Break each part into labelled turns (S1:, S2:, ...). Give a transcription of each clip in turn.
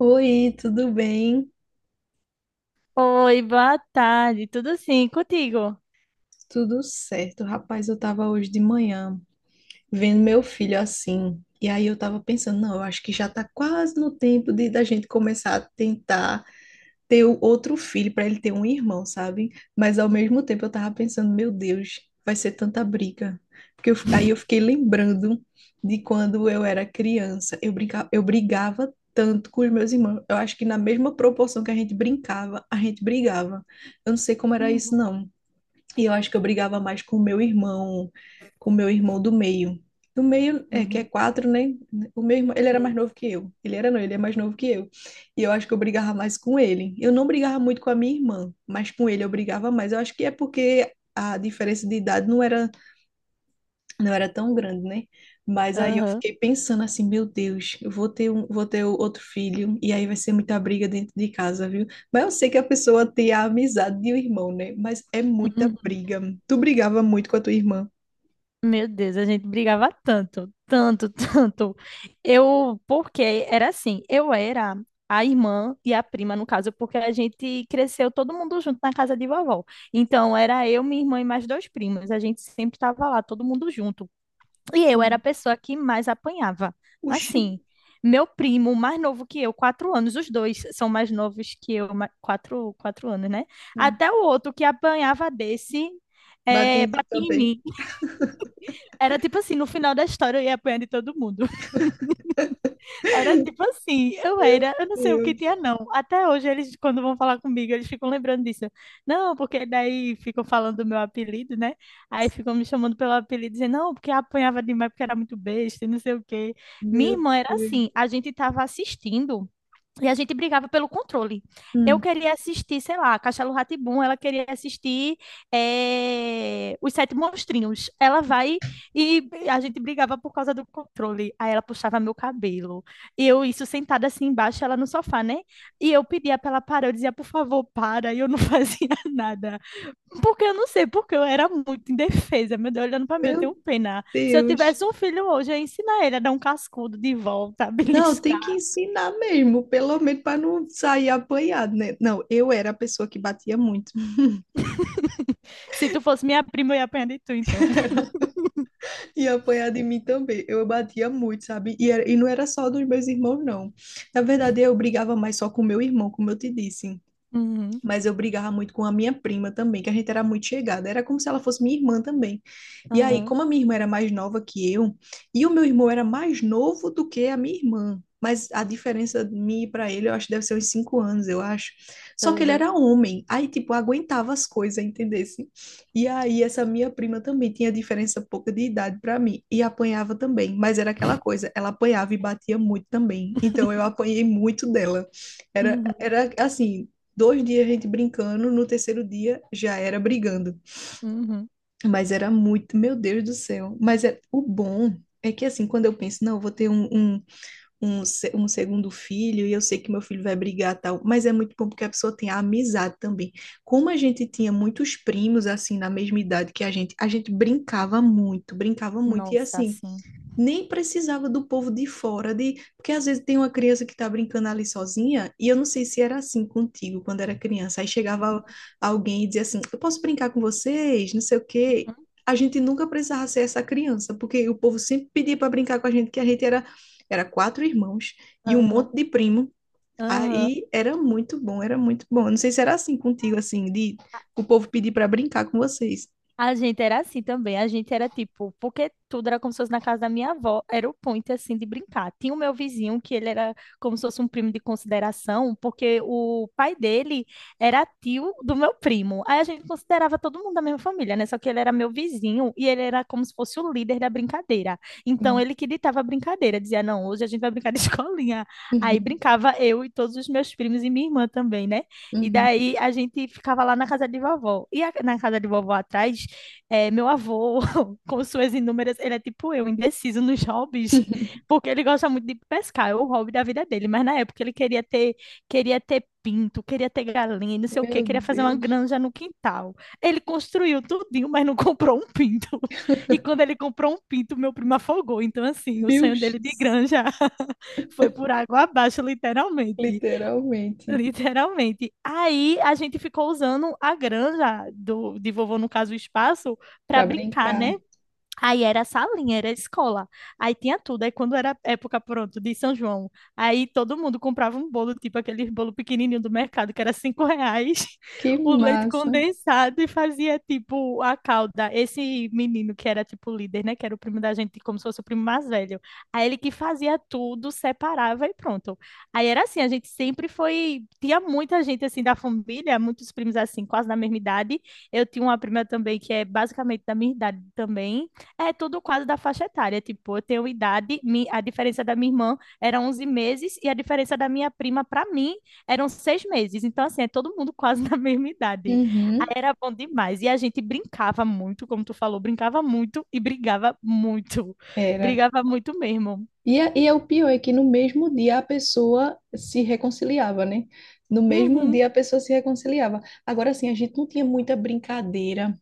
S1: Oi, tudo bem?
S2: Oi, boa tarde. Tudo sim, contigo?
S1: Tudo certo. Rapaz, eu tava hoje de manhã vendo meu filho assim. E aí eu tava pensando, não, eu acho que já tá quase no tempo de da gente começar a tentar ter o outro filho para ele ter um irmão, sabe? Mas ao mesmo tempo eu tava pensando, meu Deus, vai ser tanta briga. Porque aí eu fiquei lembrando de quando eu era criança. Eu brincava, eu brigava tanto com os meus irmãos. Eu acho que na mesma proporção que a gente brincava, a gente brigava. Eu não sei como era isso,
S2: Uhum,
S1: não. E eu acho que eu brigava mais com o meu irmão, com o meu irmão do meio. Do meio, é, que é
S2: uhum,
S1: quatro, né? O meu irmão, ele era
S2: sei.
S1: mais novo que eu. Ele era não, ele é mais novo que eu. E eu acho que eu brigava mais com ele. Eu não brigava muito com a minha irmã, mas com ele eu brigava mais. Eu acho que é porque a diferença de idade não era tão grande, né? Mas aí eu
S2: Aham.
S1: fiquei pensando assim, meu Deus, eu vou ter um, vou ter outro filho e aí vai ser muita briga dentro de casa, viu? Mas eu sei que a pessoa tem a amizade de um irmão, né? Mas é muita
S2: Uhum.
S1: briga. Tu brigava muito com a tua irmã.
S2: Meu Deus, a gente brigava tanto, tanto, tanto. Eu, porque era assim, eu era a irmã e a prima, no caso, porque a gente cresceu todo mundo junto na casa de vovó. Então, era eu, minha irmã e mais dois primos. A gente sempre estava lá, todo mundo junto. E eu era a
S1: Sim.
S2: pessoa que mais apanhava.
S1: Oxi.
S2: Assim, meu primo, mais novo que eu, 4 anos, os dois são mais novos que eu, quatro anos, né?
S1: Hum.
S2: Até o outro que apanhava desse,
S1: Bate
S2: é,
S1: em tu
S2: batia em
S1: também.
S2: mim. Era tipo assim, no final da história eu ia apanhar de todo mundo. Era tipo assim, eu
S1: Meu
S2: era, eu não sei o que tinha
S1: Deus,
S2: não. Até hoje eles, quando vão falar comigo, eles ficam lembrando disso. Não, porque daí ficam falando do meu apelido, né? Aí ficam me chamando pelo apelido, dizendo, não, porque apanhava demais, porque era muito besta, e não sei o quê. Minha
S1: meu
S2: irmã era assim,
S1: Deus.
S2: a gente tava assistindo. E a gente brigava pelo controle. Eu
S1: Hum.
S2: queria assistir, sei lá, Castelo Rá, ela queria assistir Os Sete Monstrinhos. Ela vai e a gente brigava por causa do controle. Aí ela puxava meu cabelo. E eu, isso sentada assim embaixo, ela no sofá, né? E eu pedia pra ela parar, eu dizia, por favor, para. E eu não fazia nada. Porque eu não sei, porque eu era muito indefesa. Meu Deus, olhando pra mim, eu
S1: Meu
S2: tenho pena. Se eu
S1: Deus.
S2: tivesse um filho hoje, eu ia ensinar ele a dar um cascudo de volta, a
S1: Não, tem que
S2: beliscar.
S1: ensinar mesmo, pelo menos para não sair apanhado, né? Não, eu era a pessoa que batia muito.
S2: Se tu fosse minha prima, eu ia apanhar de tu, então.
S1: Era. E apanhar de mim também. Eu batia muito, sabe? E não era só dos meus irmãos, não. Na verdade, eu brigava mais só com meu irmão, como eu te disse.
S2: Uhum,
S1: Mas eu brigava muito com a minha prima também, que a gente era muito chegada. Era como se ela fosse minha irmã também. E aí,
S2: aham,
S1: como a minha irmã era mais nova que eu, e o meu irmão era mais novo do que a minha irmã. Mas a diferença de mim e para ele, eu acho que deve ser uns 5 anos, eu acho. Só que ele
S2: aham.
S1: era homem, aí, tipo, aguentava as coisas, entendesse? E aí, essa minha prima também tinha diferença pouca de idade para mim, e apanhava também, mas era aquela coisa, ela apanhava e batia muito também, então eu apanhei muito dela. Era,
S2: Uhum,
S1: era assim, 2 dias a gente brincando, no terceiro dia já era brigando.
S2: uhum.
S1: Mas era muito, meu Deus do céu. Mas é, o bom é que assim, quando eu penso, não, eu vou ter um segundo filho e eu sei que meu filho vai brigar tal, mas é muito bom porque a pessoa tem a amizade também. Como a gente tinha muitos primos, assim, na mesma idade que a gente brincava muito, brincava muito. E
S2: Nossa,
S1: assim,
S2: sim.
S1: nem precisava do povo de fora, de porque às vezes tem uma criança que está brincando ali sozinha, e eu não sei se era assim contigo quando era criança. Aí chegava alguém e dizia assim: Eu posso brincar com vocês, não sei o quê.
S2: Aham,
S1: A gente nunca precisava ser essa criança, porque o povo sempre pedia para brincar com a gente, que a gente era quatro irmãos e um
S2: aham,
S1: monte de primo.
S2: aham.
S1: Aí era muito bom, era muito bom. Eu não sei se era assim contigo, assim, de o povo pedir para brincar com vocês.
S2: A gente era assim também. A gente era tipo, porque tudo era como se fosse na casa da minha avó, era o point assim de brincar. Tinha o meu vizinho que ele era como se fosse um primo de consideração, porque o pai dele era tio do meu primo. Aí a gente considerava todo mundo da mesma família, né? Só que ele era meu vizinho e ele era como se fosse o líder da brincadeira. Então
S1: Sim.
S2: ele que ditava a brincadeira, dizia: "Não, hoje a gente vai brincar de escolinha". Aí
S1: Uhum.
S2: brincava eu e todos os meus primos e minha irmã também, né? E
S1: Uhum.
S2: daí a gente ficava lá na casa de vovó. E a- na casa de vovó atrás, é, meu avô, com suas inúmeras, ele é tipo eu, indeciso nos hobbies, porque ele gosta muito de pescar, é o hobby da vida dele, mas na época ele queria ter pinto, queria ter galinha, não sei o quê,
S1: Meu
S2: queria fazer uma
S1: Deus.
S2: granja no quintal. Ele construiu tudinho, mas não comprou um pinto. E quando ele comprou um pinto, meu primo afogou. Então, assim, o sonho dele de
S1: Bilches,
S2: granja foi por água abaixo, literalmente.
S1: literalmente,
S2: Literalmente. Aí a gente ficou usando a granja de vovô, no caso, o espaço, para
S1: para
S2: brincar, né?
S1: brincar.
S2: Aí era a salinha, era a escola. Aí tinha tudo. Aí quando era época, pronto, de São João, aí todo mundo comprava um bolo, tipo aquele bolo pequenininho do mercado, que era R$ 5,
S1: Que
S2: o leite
S1: massa.
S2: condensado e fazia, tipo, a calda. Esse menino que era, tipo, líder, né, que era o primo da gente, como se fosse o primo mais velho. Aí ele que fazia tudo, separava e pronto. Aí era assim, a gente sempre foi... Tinha muita gente, assim, da família, muitos primos, assim, quase da mesma idade. Eu tinha uma prima também que é basicamente da minha idade também, é tudo quase da faixa etária. Tipo, eu tenho idade, a diferença da minha irmã era 11 meses e a diferença da minha prima para mim eram 6 meses. Então, assim, é todo mundo quase na mesma idade. Aí
S1: Uhum,
S2: era bom demais. E a gente brincava muito, como tu falou, brincava muito e brigava muito.
S1: era.
S2: Brigava muito mesmo.
S1: E é o pior é que no mesmo dia a pessoa se reconciliava, né? No mesmo
S2: Uhum,
S1: dia a pessoa se reconciliava. Agora, assim, a gente não tinha muita brincadeira.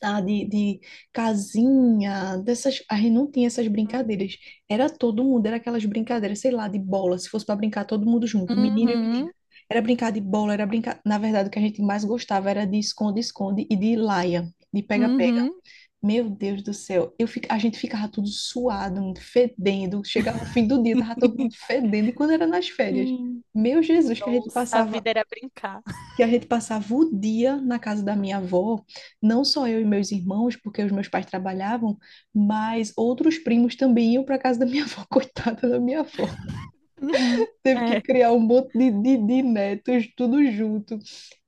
S1: Tá, de casinha, dessas, a gente não tinha essas brincadeiras. Era todo mundo, era aquelas brincadeiras, sei lá, de bola, se fosse para brincar todo mundo junto, menino e menina.
S2: uhum,
S1: Era brincar de bola, era brincar, na verdade, o que a gente mais gostava era de esconde-esconde e de laia, de pega-pega.
S2: uhum.
S1: Meu Deus do céu, a gente ficava tudo suado, fedendo, chegava o fim do dia, tava todo mundo fedendo, e quando era nas férias,
S2: Sim.
S1: meu Jesus, que a gente
S2: Nossa, a
S1: passava
S2: vida era brincar.
S1: que a gente passava o dia na casa da minha avó, não só eu e meus irmãos, porque os meus pais trabalhavam, mas outros primos também iam para casa da minha avó, coitada da
S2: Uhum,
S1: minha avó.
S2: uhum.
S1: Teve que
S2: É,
S1: criar um monte de netos, tudo junto.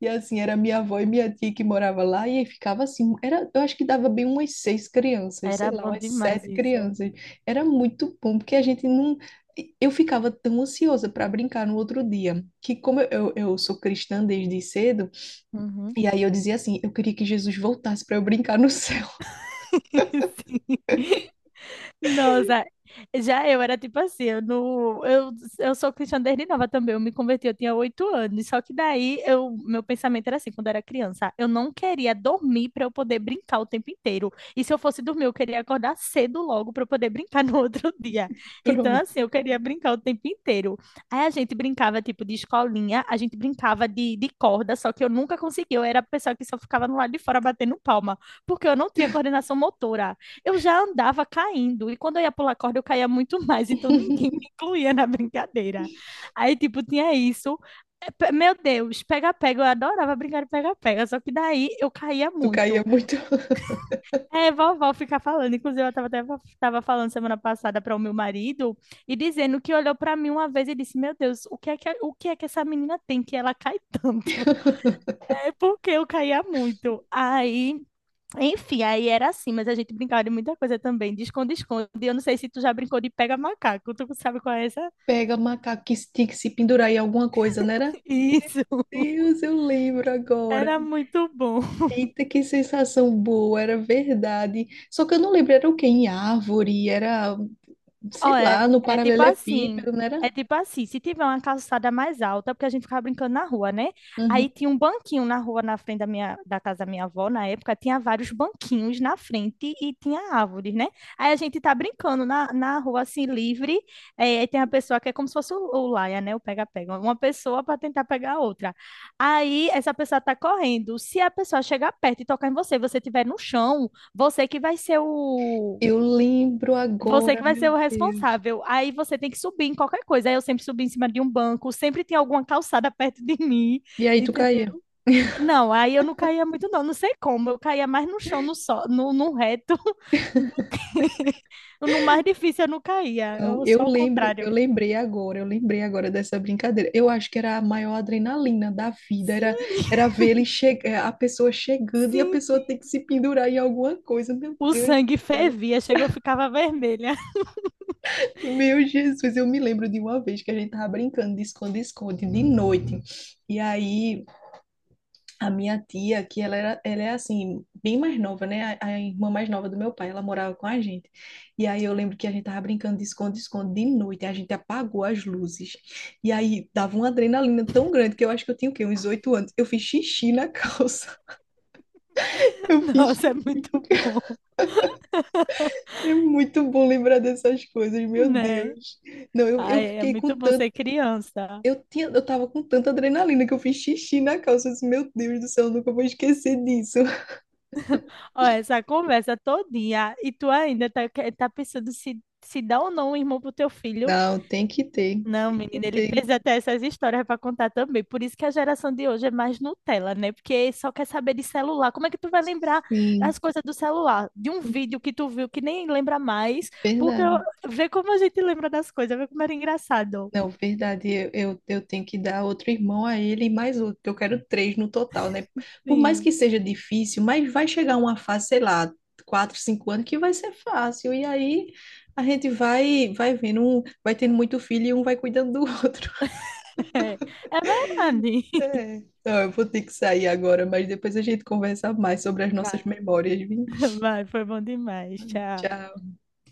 S1: E assim, era minha avó e minha tia que morava lá, e aí ficava assim, era, eu acho que dava bem umas seis crianças, sei
S2: era
S1: lá,
S2: bom
S1: umas
S2: demais
S1: sete
S2: isso.
S1: crianças. Era muito bom, porque a gente não, eu ficava tão ansiosa para brincar no outro dia, que como eu sou cristã desde cedo,
S2: Uhum.
S1: e aí eu dizia assim, eu queria que Jesus voltasse para eu brincar no céu.
S2: Sim. Nossa, já eu era tipo assim, eu, não, eu sou cristã desde nova também, eu me converti, eu tinha 8 anos, só que daí eu, meu pensamento era assim, quando eu era criança, eu não queria dormir para eu poder brincar o tempo inteiro, e se eu fosse dormir, eu queria acordar cedo logo para eu poder brincar no outro dia, então
S1: Pronto.
S2: assim, eu queria brincar o tempo inteiro, aí a gente brincava tipo de escolinha, a gente brincava de corda, só que eu nunca conseguia, eu era a pessoa que só ficava no lado de fora batendo palma, porque eu não tinha coordenação motora, eu já andava caindo. E quando eu ia pular corda, eu caía muito mais. Então ninguém me incluía na brincadeira. Aí, tipo, tinha isso. É, Meu Deus, pega-pega. Eu adorava brincar de pega-pega. Só que daí eu caía
S1: Tu caía
S2: muito.
S1: muito.
S2: É, vovó fica falando. Inclusive, eu tava até tava falando semana passada para o meu marido e dizendo que olhou para mim uma vez e disse: Meu Deus, o que é que essa menina tem que ela cai tanto? É porque eu caía muito. Aí enfim, aí era assim, mas a gente brincava de muita coisa também, de esconde-esconde. Eu não sei se tu já brincou de pega macaco, tu sabe qual é essa?
S1: Pega macaco que tinha que se pendurar em alguma coisa, não era?
S2: Isso,
S1: Deus, eu lembro agora.
S2: era muito bom.
S1: Eita, que sensação boa, era verdade. Só que eu não lembro, era o quê? Em árvore, era, sei
S2: Ó,
S1: lá, no
S2: é tipo assim.
S1: paralelepípedo, não
S2: É
S1: era?
S2: tipo assim, se tiver uma calçada mais alta, porque a gente ficava brincando na rua, né? Aí
S1: Uhum.
S2: tinha um banquinho na rua, na frente da casa da minha avó, na época, tinha vários banquinhos na frente e tinha árvores, né? Aí a gente tá brincando na rua, assim, livre, é, aí tem a pessoa que é como se fosse o laia, né? O pega-pega, uma pessoa para tentar pegar a outra. Aí essa pessoa tá correndo, se a pessoa chegar perto e tocar em você, você estiver no chão,
S1: Eu lembro
S2: você
S1: agora,
S2: que vai ser
S1: meu
S2: o
S1: Deus.
S2: responsável. Aí você tem que subir em qualquer coisa. Aí eu sempre subi em cima de um banco, sempre tem alguma calçada perto de mim,
S1: E aí tu
S2: entendeu?
S1: caía?
S2: Não, aí eu não caía muito, não. Não sei como. Eu caía mais no chão, no, só, no reto, do que no mais difícil eu não caía.
S1: Então,
S2: Eu
S1: eu
S2: sou ao
S1: lembrei, eu
S2: contrário.
S1: lembrei agora, eu lembrei agora dessa brincadeira. Eu acho que era a maior adrenalina da vida, era
S2: Sim,
S1: ver ele chegar, a pessoa chegando e a
S2: sim,
S1: pessoa ter que
S2: sim.
S1: se pendurar em alguma coisa. Meu
S2: O
S1: Deus do
S2: sangue
S1: céu.
S2: fervia, chegou, eu ficava vermelha.
S1: Meu Jesus, eu me lembro de uma vez que a gente tava brincando de esconde-esconde de noite. E aí a minha tia, que ela era, ela é assim, bem mais nova, né? A irmã mais nova do meu pai, ela morava com a gente. E aí eu lembro que a gente tava brincando de esconde-esconde de noite, a gente apagou as luzes. E aí dava uma adrenalina tão grande que eu acho que eu tinha o quê? Uns 8 anos. Eu fiz xixi na calça. Eu fiz xixi.
S2: Nossa, é muito bom,
S1: É muito bom lembrar dessas coisas, meu
S2: né?
S1: Deus. Não, eu
S2: Ai, é
S1: fiquei com
S2: muito bom
S1: tanto.
S2: ser criança.
S1: Eu tinha, eu tava com tanta adrenalina que eu fiz xixi na calça. Eu disse, meu Deus do céu, eu nunca vou esquecer disso.
S2: Ó, essa conversa todinha e tu ainda tá, tá pensando se, dá ou não um irmão pro teu filho?
S1: Não, tem que ter,
S2: Não,
S1: tem que
S2: menina, ele
S1: ter.
S2: precisa ter essas histórias para contar também. Por isso que a geração de hoje é mais Nutella, né? Porque só quer saber de celular. Como é que tu vai lembrar
S1: Sim,
S2: as coisas do celular? De um vídeo que tu viu que nem lembra mais, porque eu-
S1: verdade.
S2: vê como a gente lembra das coisas, vê como era engraçado.
S1: Não, verdade, eu tenho que dar outro irmão a ele e mais outro, porque eu quero três no total, né? Por mais
S2: Sim,
S1: que seja difícil, mas vai chegar uma fase, sei lá, 4, 5 anos, que vai ser fácil. E aí a gente vai vendo, um, vai tendo muito filho e um vai cuidando do outro.
S2: é, é verdade.
S1: É. Não, eu vou ter que sair agora, mas depois a gente conversa mais sobre as
S2: Vai.
S1: nossas memórias, viu?
S2: Vai, foi bom demais. Tchau.
S1: Tchau.